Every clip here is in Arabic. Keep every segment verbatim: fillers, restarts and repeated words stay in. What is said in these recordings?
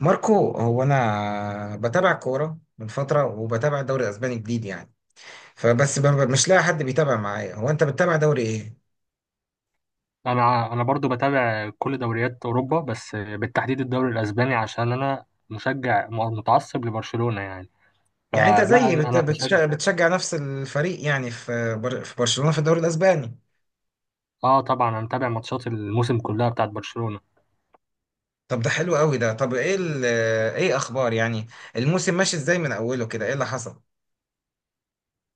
ماركو، هو انا بتابع كوره من فتره وبتابع الدوري الاسباني جديد يعني. فبس ب- ب- مش لاقي حد بيتابع معايا. هو انت بتتابع دوري ايه؟ انا انا برضو بتابع كل دوريات اوروبا، بس بالتحديد الدوري الاسباني عشان انا مشجع م- متعصب لبرشلونة يعني. يعني انت فلا، زيي انا بت- أنا بشجع. بتش- بتشجع نفس الفريق يعني، في بر- في برشلونه في الدوري الاسباني. اه، طبعا انا متابع ماتشات الموسم كلها بتاعت برشلونة. طب ده حلو قوي. ده طب ايه ال- ايه اخبار يعني، الموسم ماشي ازاي من اوله كده؟ ايه اللي حصل؟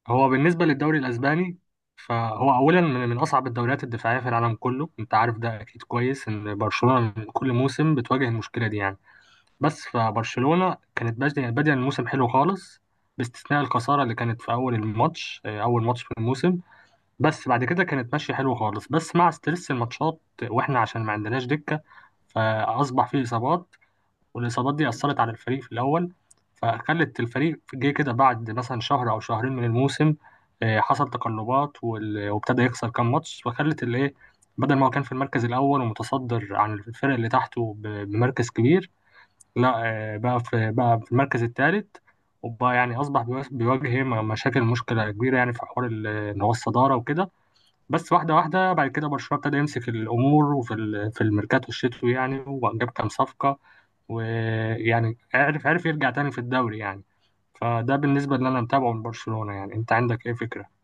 هو بالنسبة للدوري الاسباني، فهو اولا من من اصعب الدوريات الدفاعية في العالم كله. انت عارف ده اكيد كويس، ان برشلونة من كل موسم بتواجه المشكلة دي يعني. بس فبرشلونة كانت بادية بادية الموسم حلو خالص، باستثناء الخسارة اللي كانت في اول الماتش. آه، اول ماتش في الموسم. بس بعد كده كانت ماشية حلو خالص، بس مع ستريس الماتشات واحنا عشان ما عندناش دكة، فأصبح فيه إصابات، والإصابات دي أثرت على الفريق في الأول، فخلت الفريق جه كده بعد مثلا شهر أو شهرين من الموسم. آه، حصل تقلبات، وال- وابتدى يخسر كام ماتش، فخلت الإيه، بدل ما هو كان في المركز الأول ومتصدر عن الفرق اللي تحته ب- بمركز كبير، لا، آه، بقى في بقى في المركز الثالث، وبقى يعني أصبح بيواجه مشاكل مشكلة كبيرة، يعني في حوار ال- إن هو الصدارة وكده. بس واحدة واحدة بعد كده برشلونة ابتدى يمسك الأمور، وفي ال- في الميركاتو الشتوي يعني، وجاب كام صفقة، ويعني عرف عرف يرجع تاني في الدوري يعني. فده بالنسبة اللي أنا متابعه من برشلونة يعني. أنت عندك إيه فكرة؟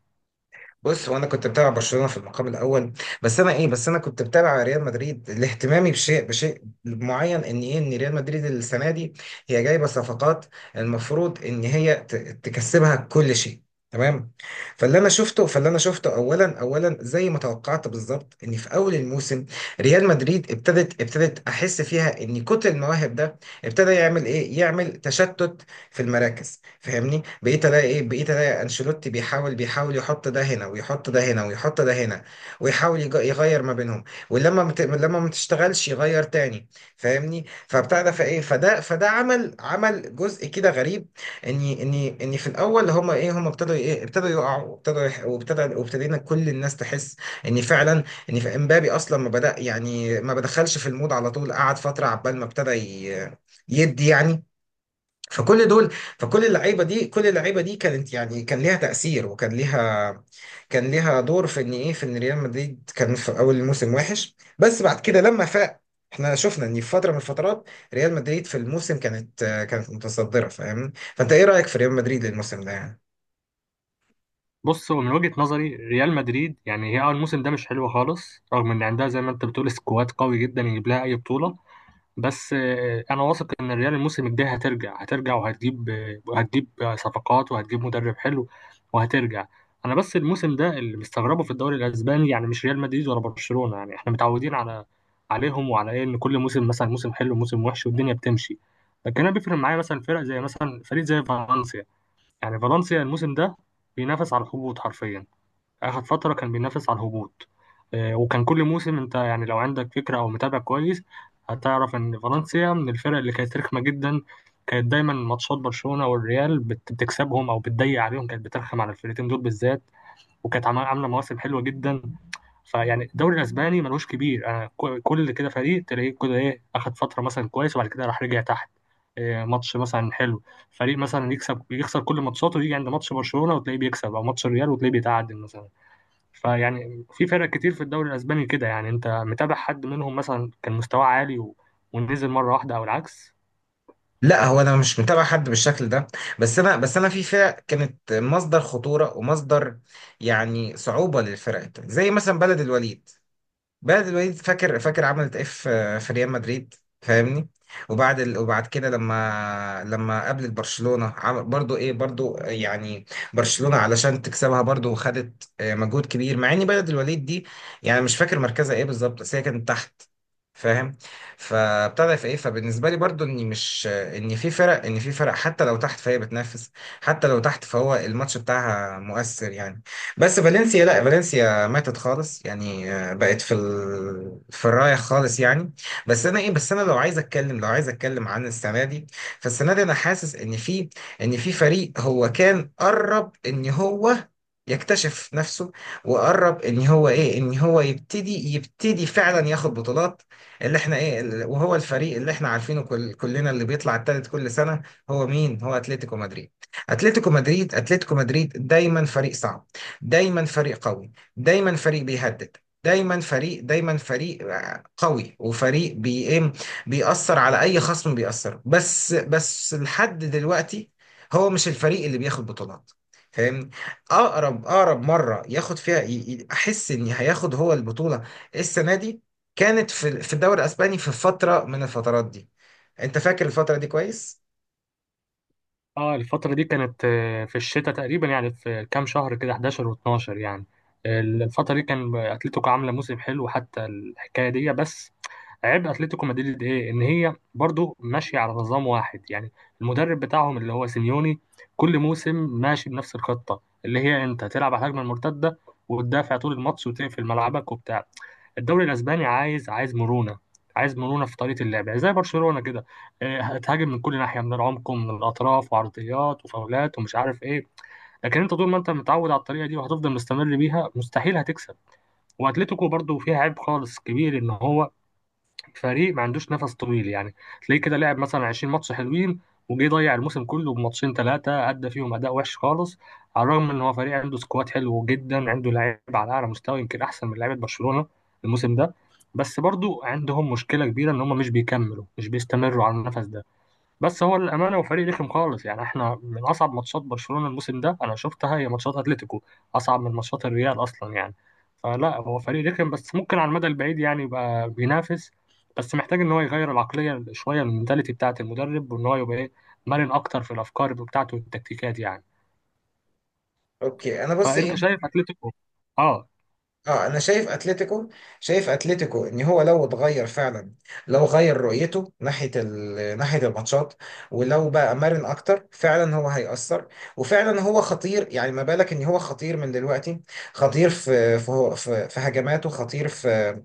بص، هو انا كنت بتابع برشلونه في المقام الاول، بس انا ايه بس انا كنت بتابع ريال مدريد لاهتمامي بشيء بشيء معين، ان ايه، ان ريال مدريد السنه دي هي جايبه صفقات المفروض ان هي ت- تكسبها كل شيء، تمام؟ فاللي انا شفته فاللي انا شفته اولا اولا، زي ما توقعت بالظبط، ان في اول الموسم ريال مدريد ابتدت ابتدت احس فيها ان كتر المواهب ده ابتدى يعمل ايه، يعمل تشتت في المراكز. فاهمني؟ بقيت الاقي ايه، بقيت الاقي انشيلوتي بيحاول بيحاول يحط ده هنا ويحط ده هنا ويحط ده هنا، ويحاول يج- يغير ما بينهم، ولما مت... لما ما تشتغلش يغير تاني. فاهمني؟ فبتاع ده، فايه، فده فده عمل، عمل جزء كده غريب. اني اني اني في الاول هما ايه، هما ابتدوا ايه، ابتدوا يقعوا وابتدوا يح... وابتدى وابتدينا كل الناس تحس ان فعلا، ان في امبابي اصلا ما بدأ يعني، ما بدخلش في المود على طول، قعد فترة عبال ما ابتدى ي... يدي يعني. فكل دول، فكل اللعيبه دي كل اللعيبه دي كانت يعني، كان ليها تاثير، وكان ليها، كان ليها دور في ان ايه، في ان ريال مدريد كان في اول الموسم وحش، بس بعد كده لما فاق احنا شفنا ان في فتره من الفترات ريال مدريد في الموسم كانت كانت متصدره. فاهمني؟ فانت ايه رايك في ريال مدريد الموسم ده يعني؟ بص، هو من وجهة نظري ريال مدريد، يعني هي أول الموسم ده مش حلوة خالص، رغم إن عندها زي ما أنت بتقول سكواد قوي جدا يجيب لها أي بطولة. بس آه، انا واثق ان الريال الموسم الجاي هترجع هترجع، وهتجيب آه، وهتجيب آه، صفقات، وهتجيب مدرب حلو، وهترجع. انا بس الموسم ده اللي مستغربه في الدوري الاسباني، يعني مش ريال مدريد ولا برشلونة، يعني احنا متعودين على عليهم وعلى ايه، ان كل موسم مثلا موسم حلو موسم وحش والدنيا بتمشي. لكن انا بيفرق معايا مثلا فرق، زي مثلا فريق زي فالنسيا. يعني فالنسيا الموسم ده بينافس على الهبوط حرفيا. آخر فترة كان بينافس على الهبوط. آه، وكان كل موسم، أنت يعني لو عندك فكرة أو متابع كويس، هتعرف إن فالنسيا من الفرق اللي كانت رخمة جدا. كانت دايما ماتشات برشلونة والريال بت- بتكسبهم أو بتضيق عليهم، كانت بترخم على الفرقتين دول بالذات، وكانت عم- عاملة مواسم حلوة جدا. فيعني الدوري الأسباني ملوش كبير. أنا ك- كل كده فريق تلاقيه كده إيه، أخد فترة مثلا كويس وبعد كده راح رجع تحت. إيه، ماتش مثلا حلو، فريق مثلا يكسب يخسر كل ماتشاته، ويجي عند ماتش برشلونة وتلاقيه بيكسب، او ماتش الريال وتلاقيه بيتعادل مثلا. فيعني في فرق كتير في الدوري الاسباني كده يعني. انت متابع حد منهم مثلا كان مستواه عالي و... ونزل مره واحده او العكس؟ لا، هو انا مش متابع حد بالشكل ده، بس انا بس انا فيفا كانت مصدر خطوره ومصدر، يعني، صعوبه للفرق التانية. زي مثلا بلد الوليد، بعد الوليد، فاكر فاكر عملت ايه في في ريال مدريد؟ فاهمني؟ وبعد ال... وبعد كده لما لما قابلت برشلونة عمل برضو ايه، برضو يعني برشلونة علشان تكسبها برضو خدت آه، مجهود كبير، مع ان بلد الوليد دي يعني مش فاكر مركزها ايه بالظبط، بس هي كانت تحت، فاهم؟ فابتدى في ايه، فبالنسبه لي برضو، اني مش ان في فرق، ان في فرق حتى لو تحت فهي بتنافس، حتى لو تحت فهو الماتش بتاعها مؤثر يعني. بس فالنسيا لا، فالنسيا ماتت خالص يعني، آه، بقت في ال... في الرايح خالص يعني. بس انا ايه بس انا لو عايز اتكلم، لو عايز اتكلم عن السنه دي، فالسنه دي انا حاسس ان في، ان في فريق هو كان قرب ان هو يكتشف نفسه، وقرب ان هو ايه، ان هو يبتدي يبتدي فعلا ياخد بطولات، اللي احنا ايه ال- وهو الفريق اللي احنا عارفينه كل كلنا، اللي بيطلع التالت كل سنه. هو مين؟ هو اتلتيكو مدريد. اتلتيكو مدريد اتلتيكو مدريد دايما فريق صعب، دايما فريق قوي، دايما فريق بيهدد، دايما فريق دايما فريق آه، قوي، وفريق بي إيه؟ بيأثر على اي خصم. بيأثر، بس بس لحد دلوقتي هو مش الفريق اللي بياخد بطولات. فاهمني؟ اقرب اقرب مره ياخد فيها ي- ي- احس ان هياخد هو البطوله السنه دي، كانت في في الدوري الاسباني في فتره من الفترات دي. انت فاكر الفتره دي كويس؟ اه، الفترة دي كانت آه، في الشتاء تقريبا، يعني في كام شهر كده، حداشر و12 يعني. آه، الفترة دي كان اتلتيكو عاملة موسم حلو حتى، الحكاية دي بس. عيب اتلتيكو مدريد ايه؟ ان هي برضو ماشية على نظام واحد يعني. المدرب بتاعهم اللي هو سيميوني كل موسم ماشي بنفس الخطة، اللي هي انت تلعب على الهجمة المرتدة وتدافع طول الماتش وتقفل ملعبك وبتاع. الدوري الاسباني عايز، عايز مرونة، عايز مرونة في طريقة اللعب، يعني زي برشلونة كده، آه، هتهاجم من كل ناحيه، من العمق ومن الاطراف وعرضيات وفاولات ومش عارف ايه. لكن انت طول ما انت متعود على الطريقه دي وهتفضل مستمر بيها، مستحيل هتكسب. واتلتيكو برضو فيها عيب خالص كبير، ان هو فريق ما عندوش نفس طويل يعني. تلاقيه كده لعب مثلا عشرين ماتش حلوين، وجه ضيع الموسم كله بماتشين ثلاثه ادى فيهم اداء وحش خالص، على الرغم ان هو فريق عنده سكواد حلو جدا، عنده لعيبه على اعلى مستوى، يمكن احسن من لعيبه برشلونه الموسم ده. بس برضو عندهم مشكله كبيره، ان هم مش بيكملوا، مش بيستمروا على النفس ده. بس هو الامانه وفريق رخم خالص، يعني احنا من اصعب ماتشات برشلونه الموسم ده انا شفتها هي ماتشات اتلتيكو، اصعب من ماتشات الريال اصلا يعني. فلا، هو فريق رخم، بس ممكن على المدى البعيد يعني يبقى بينافس. بس محتاج ان هو يغير العقليه شويه، من المنتاليتي بتاعه المدرب، وان هو يبقى ايه، مرن اكتر في الافكار بتاعته والتكتيكات يعني. اوكي، انا بص ايه. فانت شايف اتلتيكو؟ اه. اه، انا شايف اتلتيكو، شايف اتلتيكو ان هو لو اتغير فعلا، لو غير رؤيته ناحيه ال- ناحيه الماتشات، ولو بقى مرن اكتر، فعلا هو هيأثر، وفعلا هو خطير يعني. ما بالك ان هو خطير من دلوقتي؟ خطير في في في, في هجماته، خطير في،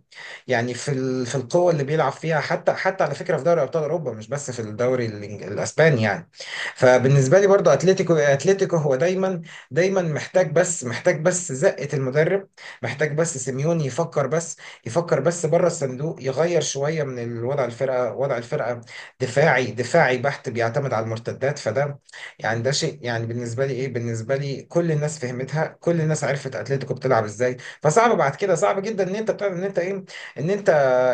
يعني في ال- في القوه اللي بيلعب فيها، حتى، حتى على فكره في دوري ابطال اوروبا، مش بس في الدوري الإنج- الاسباني يعني. فبالنسبه لي برضو، اتلتيكو اتلتيكو هو دايما، دايما محتاج، بس محتاج بس زقه المدرب، محتاج بس سيميوني يفكر بس، يفكر بس بره الصندوق، يغير شويه من الوضع الفرقه، وضع الفرقه، دفاعي دفاعي بحت بيعتمد على المرتدات، فده يعني ده شيء. يعني بالنسبه لي ايه، بالنسبه لي كل الناس فهمتها، كل الناس عرفت اتلتيكو بتلعب ازاي. فصعب بعد كده، صعب جدا ان انت بتعمل، ان انت ايه، ان انت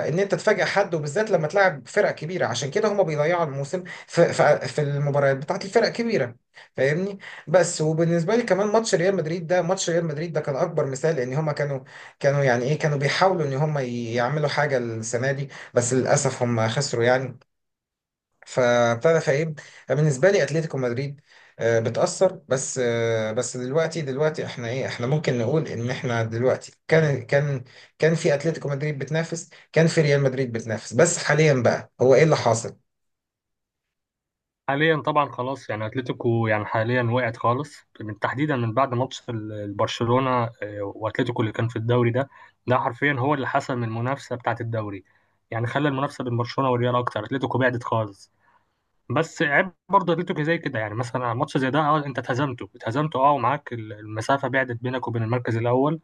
ان انت تفاجئ حد، وبالذات لما تلعب فرق كبيره. عشان كده هما بيضيعوا الموسم في في في المباريات بتاعت الفرق الكبيره. فاهمني؟ بس وبالنسبه لي كمان ماتش ريال مدريد، ده ماتش ريال مدريد ده كان اكبر مثال، لان هما كانوا كانوا يعني ايه، كانوا بيحاولوا ان هما يعملوا حاجه السنه دي، بس للاسف هما خسروا يعني. فابتدى فايه، بالنسبه لي اتلتيكو مدريد آه، بتاثر بس، آه، بس دلوقتي دلوقتي احنا ايه، احنا ممكن نقول ان احنا دلوقتي، كان كان كان في اتلتيكو مدريد بتنافس، كان في ريال مدريد بتنافس، بس حاليا بقى هو ايه اللي حاصل؟ حاليا طبعا خلاص يعني، اتلتيكو يعني حاليا وقعت خالص، من- تحديدا من بعد ماتش ال- البرشلونه. آه، واتلتيكو اللي كان في الدوري ده، ده حرفيا هو اللي حسم المنافسه بتاعه الدوري. يعني خلى المنافسه بين برشلونه والريال اكتر، اتلتيكو بعدت خالص. بس عيب برضه اتلتيكو زي كده، يعني مثلا ماتش زي ده، اه انت اتهزمته اتهزمته، اه، ومعاك ال- المسافه بعدت بينك وبين المركز الاول،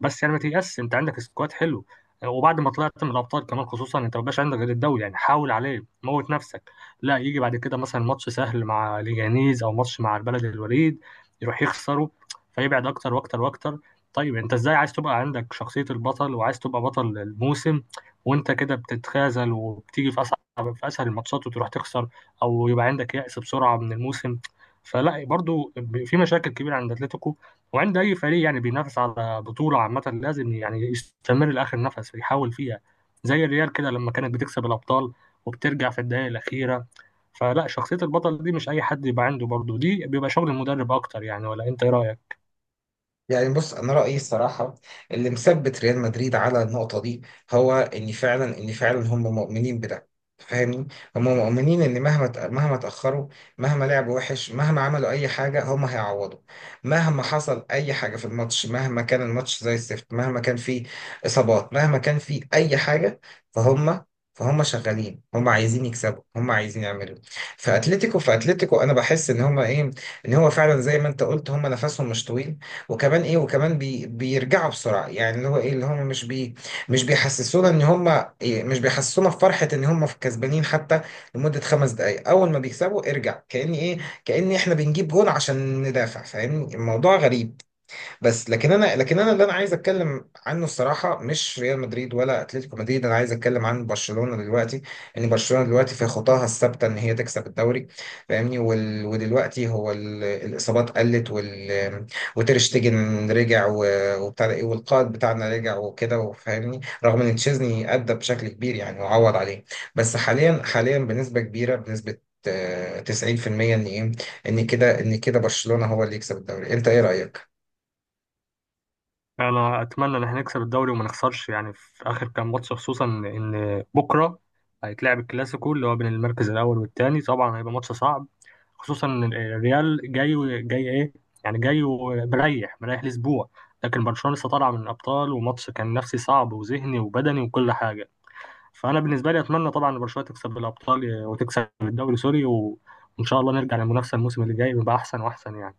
بس يعني ما تيأس. انت عندك سكواد حلو، وبعد ما طلعت من الابطال كمان، خصوصا انت ما بقاش عندك غير الدوري يعني، حاول عليه موت نفسك. لا، يجي بعد كده مثلا ماتش سهل مع ليجانيز او ماتش مع البلد الوليد، يروح يخسره، فيبعد اكتر واكتر واكتر. طيب انت ازاي عايز تبقى عندك شخصية البطل، وعايز تبقى بطل الموسم، وانت كده بتتخاذل، وبتيجي في اصعب في اسهل الماتشات وتروح تخسر، او يبقى عندك يأس بسرعة من الموسم. فلا، برضو في مشاكل كبيرة عند اتلتيكو، وعند اي فريق يعني بينافس على بطوله. عامه لازم يعني يستمر لاخر نفس يحاول فيها، زي الريال كده لما كانت بتكسب الابطال وبترجع في الدقائق الاخيره. فلا، شخصيه البطل دي مش اي حد يبقى عنده، برضه دي بيبقى شغل المدرب اكتر يعني. ولا انت ايه رايك؟ يعني بص، انا رايي الصراحه اللي مثبت ريال مدريد على النقطه دي هو ان فعلا، ان فعلا هم مؤمنين بده. فاهمني؟ هم مؤمنين ان مهما ت- مهما تاخروا، مهما لعبوا وحش، مهما عملوا اي حاجه، هم هيعوضوا. مهما حصل اي حاجه في الماتش، مهما كان الماتش زي الزفت، مهما كان فيه اصابات، مهما كان فيه اي حاجه، فهم فهم شغالين، هم عايزين يكسبوا، هم عايزين يعملوا. في اتلتيكو، في اتلتيكو انا بحس ان هم ايه، ان هو فعلا زي ما انت قلت هم نفسهم مش طويل، وكمان ايه، وكمان بي بيرجعوا بسرعه يعني، اللي هو ايه، اللي هم مش بي مش بيحسسونا ان هم إيه، مش بيحسسونا بفرحه ان هم كسبانين حتى لمده خمس دقائق. اول ما بيكسبوا ارجع كاني ايه، كاني احنا بنجيب جون عشان ندافع. فاهمني؟ الموضوع غريب. بس لكن انا لكن انا اللي انا عايز اتكلم عنه الصراحه مش ريال مدريد ولا اتلتيكو مدريد، انا عايز اتكلم عن برشلونه دلوقتي، ان برشلونه دلوقتي في خطاها الثابته ان هي تكسب الدوري. فاهمني؟ وال... ودلوقتي هو ال... الاصابات قلت، وال... وتير شتيجن رجع و... وبتاع ده ايه، والقائد بتاعنا رجع وكده، وفاهمني، رغم ان تشيزني ادى بشكل كبير يعني وعوض عليه. بس حاليا حاليا بنسبه كبيره، بنسبه آه، تسعين في المية ان ايه، ان كده ان كده برشلونه هو اللي يكسب الدوري. انت ايه رايك؟ انا اتمنى ان احنا نكسب الدوري وما نخسرش يعني، في اخر كام ماتش، خصوصا ان بكره هيتلعب الكلاسيكو، اللي هو بين المركز الاول والثاني. طبعا هيبقى ماتش صعب، خصوصا إن الريال جاي جاي ايه، يعني جاي ومريح، مريح لاسبوع، لكن برشلونة لسه طالعة من الابطال، وماتش كان نفسي صعب وذهني وبدني وكل حاجة. فانا بالنسبة لي اتمنى طبعا إن برشلونة تكسب الابطال وتكسب الدوري، سوري و... وان شاء الله نرجع للمنافسة الموسم اللي جاي، ويبقى احسن واحسن يعني.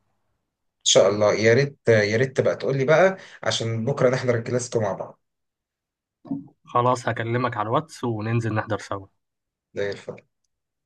ان شاء الله، يا ريت، يا ريت تبقى تقول لي بقى، عشان بكره نحضر الكلاسيكو مع بعض. خلاص، هكلمك على الواتس وننزل نحضر سوا. زي الفل.